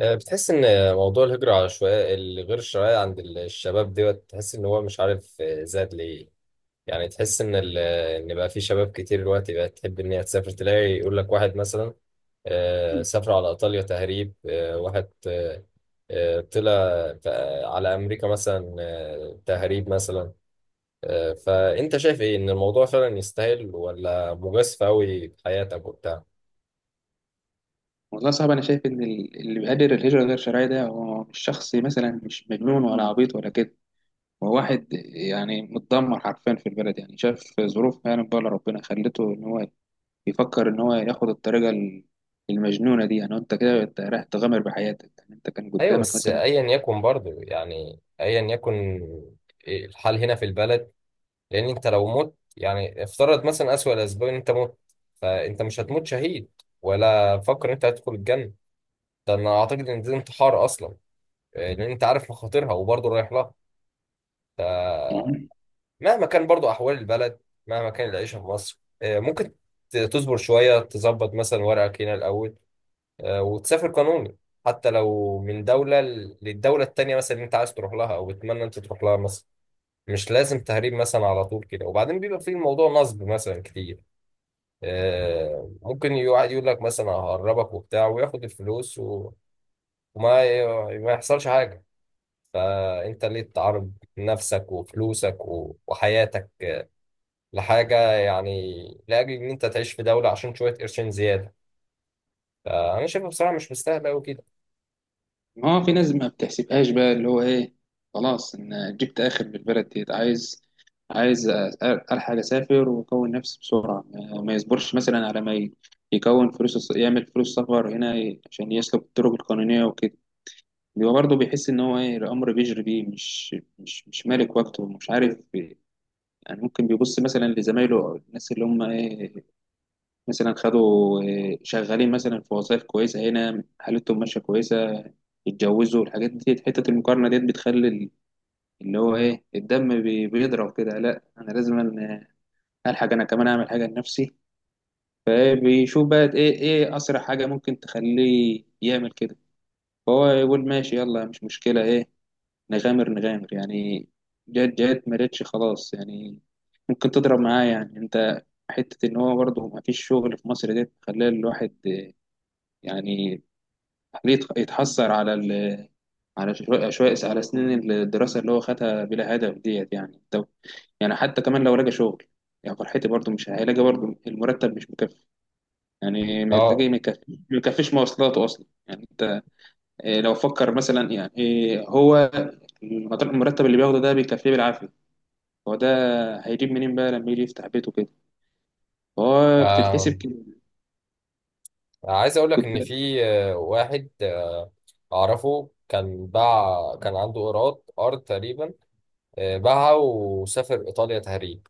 بتحس ان موضوع الهجرة على شوية الغير شرعية عند الشباب دوت تحس ان هو مش عارف، زاد ليه؟ يعني تحس ان بقى في شباب كتير دلوقتي بقت تحب ان هي تسافر، تلاقي يقول لك واحد مثلا سافر على ايطاليا تهريب، واحد طلع بقى على امريكا مثلا، تهريب مثلا. فانت شايف ايه، ان الموضوع فعلا يستاهل ولا مجازفة قوي في حياتك وبتاع؟ والله صعب، انا شايف ان اللي بيقدر الهجره غير شرعيه ده هو مش شخص مثلا مش مجنون ولا عبيط ولا كده. هو واحد يعني متدمر حرفيا في البلد، يعني شاف ظروف، يعني بقى ربنا خلته ان هو يفكر ان هو ياخد المجنونه دي. يعني انت كده انت رايح تغامر بحياتك، يعني انت كان ايوه، قدامك بس مثلا. ايا يكن برضه، يعني ايا يكن الحال هنا في البلد. لان انت لو مت، يعني افترض مثلا اسوأ الاسباب ان انت مت، فانت مش هتموت شهيد ولا فكر ان انت هتدخل الجنه. ده انا اعتقد ان ده انتحار اصلا، لان انت عارف مخاطرها وبرضه رايح لها. فمهما كان برضه احوال البلد، مهما كان العيشه في مصر، ممكن تصبر شويه، تظبط مثلا ورقك هنا الاول، وتسافر قانوني. حتى لو من دولة للدولة التانية مثلا اللي انت عايز تروح لها او بتتمنى انت تروح لها مثلا. مش لازم تهريب مثلا على طول كده، وبعدين بيبقى في الموضوع نصب مثلا كتير، ممكن يقعد يقول لك مثلا ههربك وبتاع وياخد الفلوس و- وما ي- ما يحصلش حاجة. فانت ليه تعرض نفسك وفلوسك و- وحياتك، لحاجة يعني؟ لأجل إن أنت تعيش في دولة عشان شوية قرشين زيادة. فأنا شايفها بصراحة مش مستاهلة أوي كده. ما هو في ناس ما بتحسبهاش بقى، اللي هو ايه، خلاص ان جبت اخر من البلد ديت. عايز الحق اسافر واكون نفسي بسرعه، ما يصبرش مثلا، على ما ي- يكون فلوس يعمل فلوس سفر هنا، عشان يسلك الطرق القانونيه وكده. بيبقى برضه بيحس ان هو ايه، الامر بيجري بيه، مش مالك وقته، مش عارف. يعني ممكن بيبص مثلا لزمايله او الناس اللي هم ايه، مثلا خدوا، شغالين مثلا في وظائف كويسة هنا، حالتهم ماشية كويسة، اتجوزوا الحاجات دي. حتة المقارنة ديت بتخلي اللي هو ايه، الدم بيضرب كده. لا، انا لازم الحق انا كمان اعمل حاجة لنفسي. بيشوف بقى ايه، اسرع حاجة ممكن تخليه يعمل كده. فهو يقول ماشي يلا، مش مشكلة ايه، نغامر يعني. جت ما جتش خلاص يعني، ممكن تضرب معاه يعني انت. حتة إن هو برضه مفيش شغل في مصر ديت، مخليه الواحد يعني، خليه يتحسر على شوية شوية على سنين الدراسة اللي هو خدها بلا هدف ديت. يعني طب، يعني حتى كمان لو لقى شغل، يعني فرحتي برضه مش هيلاقي برضه، المرتب مش مكفي. يعني ما تلاقيه ما يكفيش مواصلاته أصلا. يعني أنت إيه، لو فكر مثلا يعني إيه، هو المرتب اللي بياخده ده بيكفيه بالعافية. هو ده، هيجيب منين بقى لما يجي يفتح بيته كده؟ هو بتتحسب اه، كده. عايز اقول لك كنت ان في واحد اعرفه، كان باع، كان عنده ايراد ارض تقريبا، باعها وسافر ايطاليا تهريب.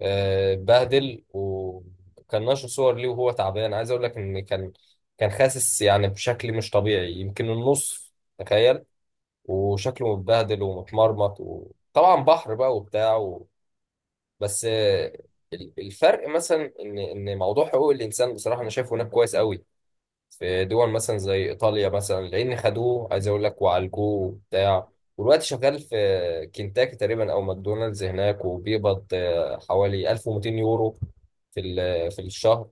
اتبهدل وكان نشر صور ليه وهو تعبان، عايز اقول لك ان كان خاسس يعني بشكل مش طبيعي، يمكن النص، تخيل. وشكله متبهدل ومتمرمط، وطبعا بحر بقى وبتاع و بس، الفرق مثلا ان موضوع حقوق الانسان، بصراحه انا شايفه هناك كويس قوي في دول مثلا زي ايطاليا مثلا. لان خدوه، عايز اقول لك، وعالجوه وبتاع، والوقت شغال في كنتاكي تقريبا او ماكدونالدز هناك، وبيقبض حوالي 1200 يورو في الشهر،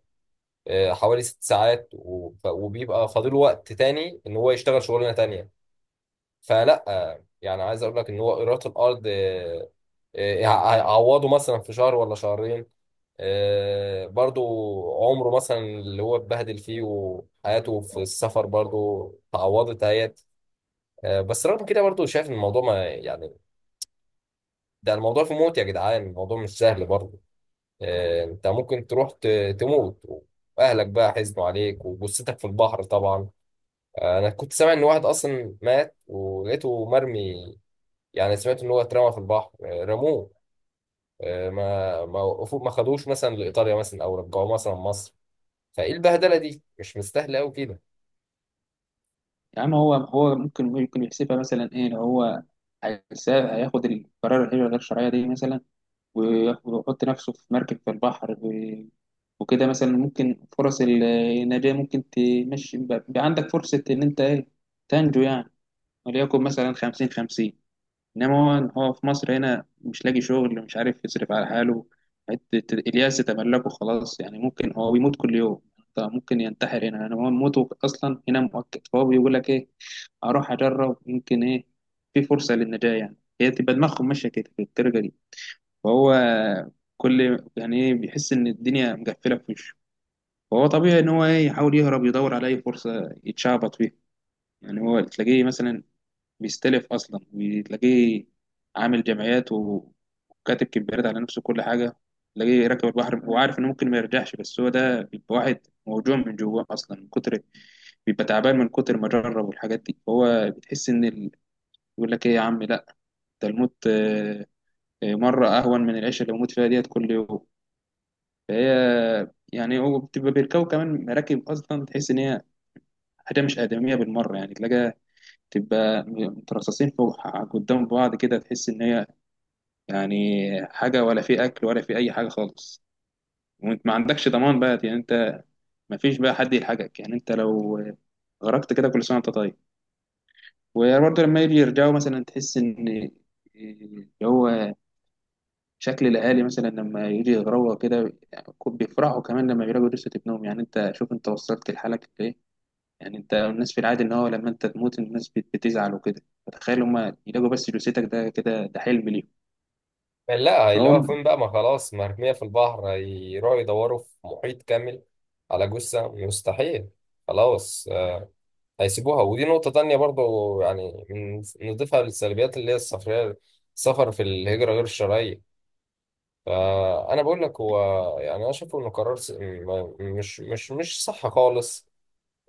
حوالي 6 ساعات، وب- وبيبقى فاضله وقت تاني ان هو يشتغل شغلانه تانيه. فلا يعني، عايز اقول لك ان هو ايرات الارض هيعوضه مثلا في شهر ولا شهرين، برضو عمره مثلا اللي هو اتبهدل فيه وحياته في السفر برضو اتعوضت اهيت. بس رغم كده برضو شايف ان الموضوع ما يعني، ده الموضوع في موت يا جدعان، الموضوع مش سهل برضو. انت ممكن تروح تموت، واهلك بقى حزنوا عليك وجثتك في البحر طبعا. انا كنت سامع ان واحد اصلا مات ولقيته مرمي، يعني سمعت ان هو اترمى في البحر، رموه، ما وقفوه، ما خدوش مثلا لايطاليا مثلا او رجعوه مثلا مصر. فايه، البهدله دي مش مستاهله قوي كده. يا عم، هو ممكن يحسبها مثلا ايه. لو هو هياخد القرار الهجرة غير الشرعية دي مثلا، ويحط نفسه في مركب في البحر وكده مثلا، ممكن فرص النجاة ممكن تمشي. يبقى عندك فرصة إن أنت إيه، تنجو يعني، وليكن مثلا خمسين خمسين. إنما هو في مصر هنا مش لاقي شغل، مش عارف يصرف على حاله، حتة الياس تملكه خلاص يعني. ممكن هو بيموت كل يوم، أنت ممكن ينتحر هنا يعني، هو موته أصلا هنا مؤقت. فهو بيقول لك إيه، اروح اجرب، ممكن ايه، في فرصه للنجاه يعني. هي تبقى دماغهم ماشيه كده في الدرجه دي. فهو كل، يعني ايه، بيحس ان الدنيا مقفله في وشه. فهو طبيعي ان هو ايه، يحاول يهرب، يدور على اي فرصه يتشعبط فيها. يعني هو تلاقيه مثلا بيستلف اصلا، وتلاقيه عامل جمعيات وكاتب كبيرات على نفسه كل حاجه. تلاقيه راكب البحر، هو عارف انه ممكن ما يرجعش. بس هو ده بيبقى واحد موجوع من جواه اصلا من كتر، بيبقى تعبان من كتر ما جرب والحاجات دي. هو بتحس ان، يقول لك ايه يا عم، لا ده الموت آه، مرة اهون من العيشة اللي بموت فيها ديت كل يوم. فهي يعني هو بتبقى بيركبوا كمان مراكب اصلا، تحس ان هي حاجة مش آدمية بالمرة. يعني تلاقيها تبقى مترصصين فوق قدام بعض كده، تحس ان هي يعني حاجة، ولا في اكل ولا في اي حاجة خالص. وانت ما عندكش ضمان بقى، يعني انت ما فيش بقى حد يلحقك. يعني انت لو غرقت كده، كل سنة وانت طيب. وبرضه لما يجي يرجعوا مثلا، تحس ان اللي هو شكل الاهالي مثلا لما يجي يغروا كده، يعني بيفرحوا كمان لما بيلاقوا جثه ابنهم. يعني انت شوف انت وصلت لحالك لايه. يعني انت الناس في العادي ان هو لما انت تموت الناس بتزعل وكده، فتخيل هما يلاقوا بس جثتك، ده كده ده حلم ليهم. لا، فهو. هيلاقوها فين بقى؟ ما خلاص مرميه في البحر، هيروحوا يدوروا في محيط كامل على جثه؟ مستحيل. خلاص، هيسيبوها. ودي نقطه تانية برضو، يعني نضيفها للسلبيات اللي هي السفريه، السفر في الهجره غير الشرعيه. فانا بقول لك هو، يعني انا شايفه انه قرار مش صح خالص،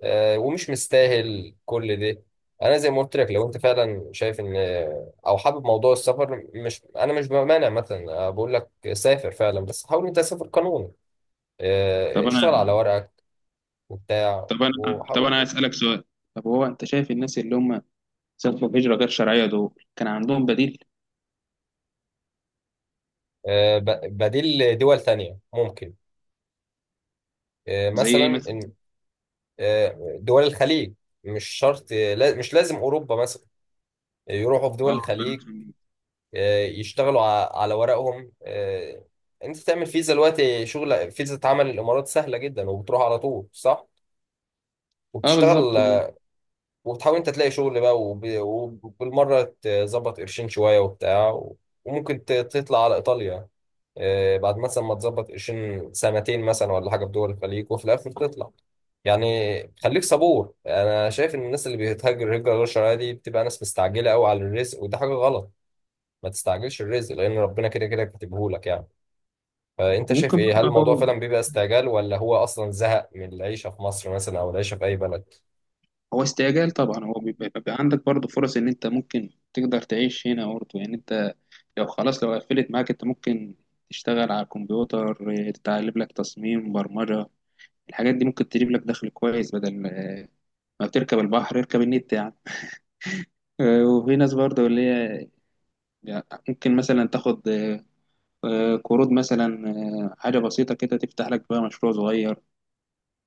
ومش مستاهل كل ده. انا زي ما قلت لك، لو انت فعلا شايف ان، او حابب موضوع السفر، مش، انا مش بمانع مثلا، أنا بقول لك سافر فعلا، بس حاول انت تسافر قانوني، طب اشتغل انا على ورقك وبتاع، طب وحاول انا هسألك سؤال. طب هو انت شايف الناس اللي هم سافروا هجره غير شرعيه دول كان عندهم بديل؟ بديل، دول تانية ممكن، زي ايه مثلا مثلا؟ دول الخليج. مش شرط، مش لازم اوروبا مثلا، يروحوا في دول اه، فهمت. الخليج، يشتغلوا على ورقهم. انت تعمل فيزا دلوقتي، شغل، فيزا اتعمل الامارات سهله جدا وبتروح على طول، صح، اه، وبتشتغل، بالظبط. وبتحاول انت تلاقي شغل بقى، وب- وبالمره تظبط قرشين شويه وبتاع وممكن تطلع على ايطاليا، بعد مثلا ما تظبط قرشين سنتين مثلا ولا حاجه في دول الخليج، وفي الاخر تطلع. يعني خليك صبور. انا شايف ان الناس اللي بتهاجر هجره غير شرعيه دي بتبقى ناس مستعجله قوي على الرزق، وده حاجه غلط. ما تستعجلش الرزق، لان ربنا كده كده كاتبهولك يعني. فانت شايف وممكن ايه؟ هل الموضوع فعلا برضه، بيبقى استعجال، ولا هو اصلا زهق من العيشه في مصر مثلا او العيشه في اي بلد؟ هو استعجال طبعا. هو بيبقى عندك برضه فرص ان انت ممكن تقدر تعيش هنا برضه. يعني انت لو خلاص لو قفلت معاك، انت ممكن تشتغل على الكمبيوتر إيه، تتعلم لك تصميم برمجة، الحاجات دي ممكن تجيب لك دخل كويس. بدل ما بتركب البحر اركب النت يعني. وفي ناس برضه اللي هي يعني ممكن مثلا تاخد، قروض مثلا، حاجة بسيطة كده تفتح لك بقى مشروع صغير،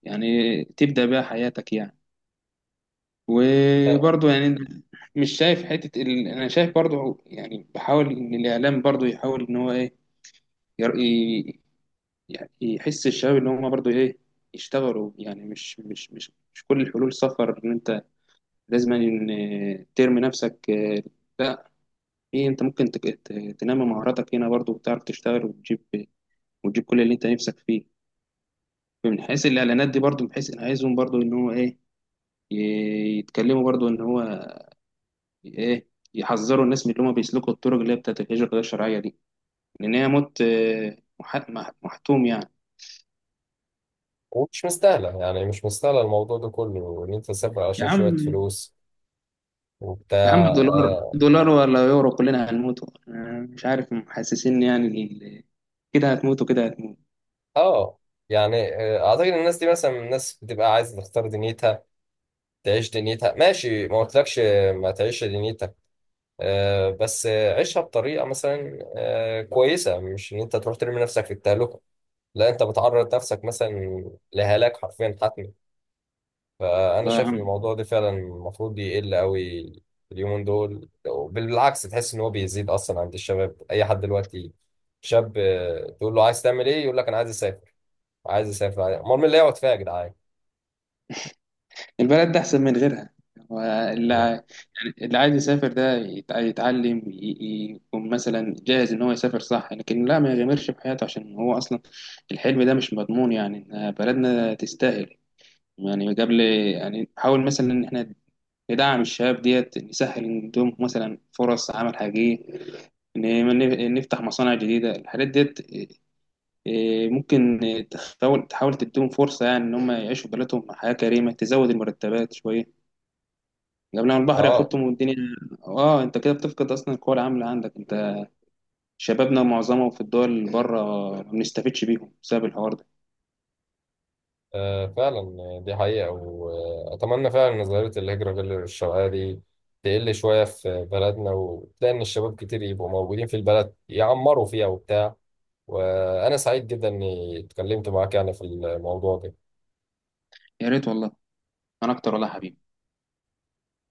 يعني تبدأ بقى حياتك يعني. آه، وبرضه يعني، مش شايف حتة ال... أنا شايف برضه يعني، بحاول إن الإعلام برضه يحاول إن هو إيه، ير... ي- يعني يحس الشباب إن هم برضه إيه، يشتغلوا يعني. مش كل الحلول سفر، إن أنت لازم إن ترمي نفسك لا. إيه، أنت ممكن تنمي مهاراتك هنا برضه، وتعرف تشتغل وتجيب كل اللي أنت نفسك فيه. من حيث الإعلانات دي برضه، بحيث أنا عايزهم برضه إن هو إيه، يتكلموا برضه إن هو ايه، يحذروا الناس من اللي هم بيسلكوا الطرق اللي هي بتاعت الهجرة غير الشرعية دي، لأن هي موت محتوم يعني. ومش مستاهله، يعني مش مستاهله الموضوع ده كله ان انت تسافر يا عشان شويه عم، فلوس وبتاع. دولار اه. دولار ولا يورو، كلنا هنموتوا. أنا مش عارف محسسين يعني كده هتموتوا كده هتموتوا. آه اعتقد الناس دي مثلا الناس بتبقى عايزه تختار دنيتها، تعيش دنيتها، ماشي، ما قلتلكش ما تعيش دنيتك، بس عيشها بطريقه مثلا كويسه، مش ان انت تروح ترمي نفسك في التهلكه. لا، انت بتعرض نفسك مثلا لهلاك حرفيا حتمي. فانا والله يا شايف ان عم، الموضوع ده فعلا المفروض يقل قوي اليومين دول. بالعكس، تحس ان هو بيزيد اصلا عند الشباب، اي حد دلوقتي شاب، تقول له عايز تعمل ايه، يقول لك انا عايز اسافر، عايز اسافر، امال مين اللي يقعد فيها يا جدعان؟ البلد ده أحسن من غيرها. هو اللي أنا- يعني اللي عايز يسافر ده يتعلم، يكون مثلا جاهز إن هو يسافر صح، لكن لا ما يغامرش بحياته، عشان هو أصلا الحلم ده مش مضمون. يعني إن بلدنا تستاهل، يعني قبل، يعني نحاول مثلا إن إحنا ندعم الشباب ديت، نسهل عندهم مثلا فرص عمل حقيقية، إن نفتح مصانع جديدة، الحاجات ديت إيه، ممكن إيه، تحاول تديهم فرصة، يعني إن هم يعيشوا في بلدهم حياة كريمة، تزود المرتبات شوية قبل ما البحر اه. ياخدهم والدنيا. آه، أنت كده بتفقد أصلا القوى العاملة عندك. أنت، شبابنا معظمهم في الدول اللي بره، ما بنستفدش بيهم بسبب الحوار ده. فعلا دي حقيقة، وأتمنى فعلا إن ظاهرة الهجرة غير الشرعية دي تقل شوية في بلدنا، وتلاقي إن الشباب كتير يبقوا موجودين في البلد، يعمروا فيها وبتاع. وأنا سعيد جدا إني اتكلمت معاك يعني في الموضوع ده. يا ريت والله. أنا أكتر والله يا حبيبي.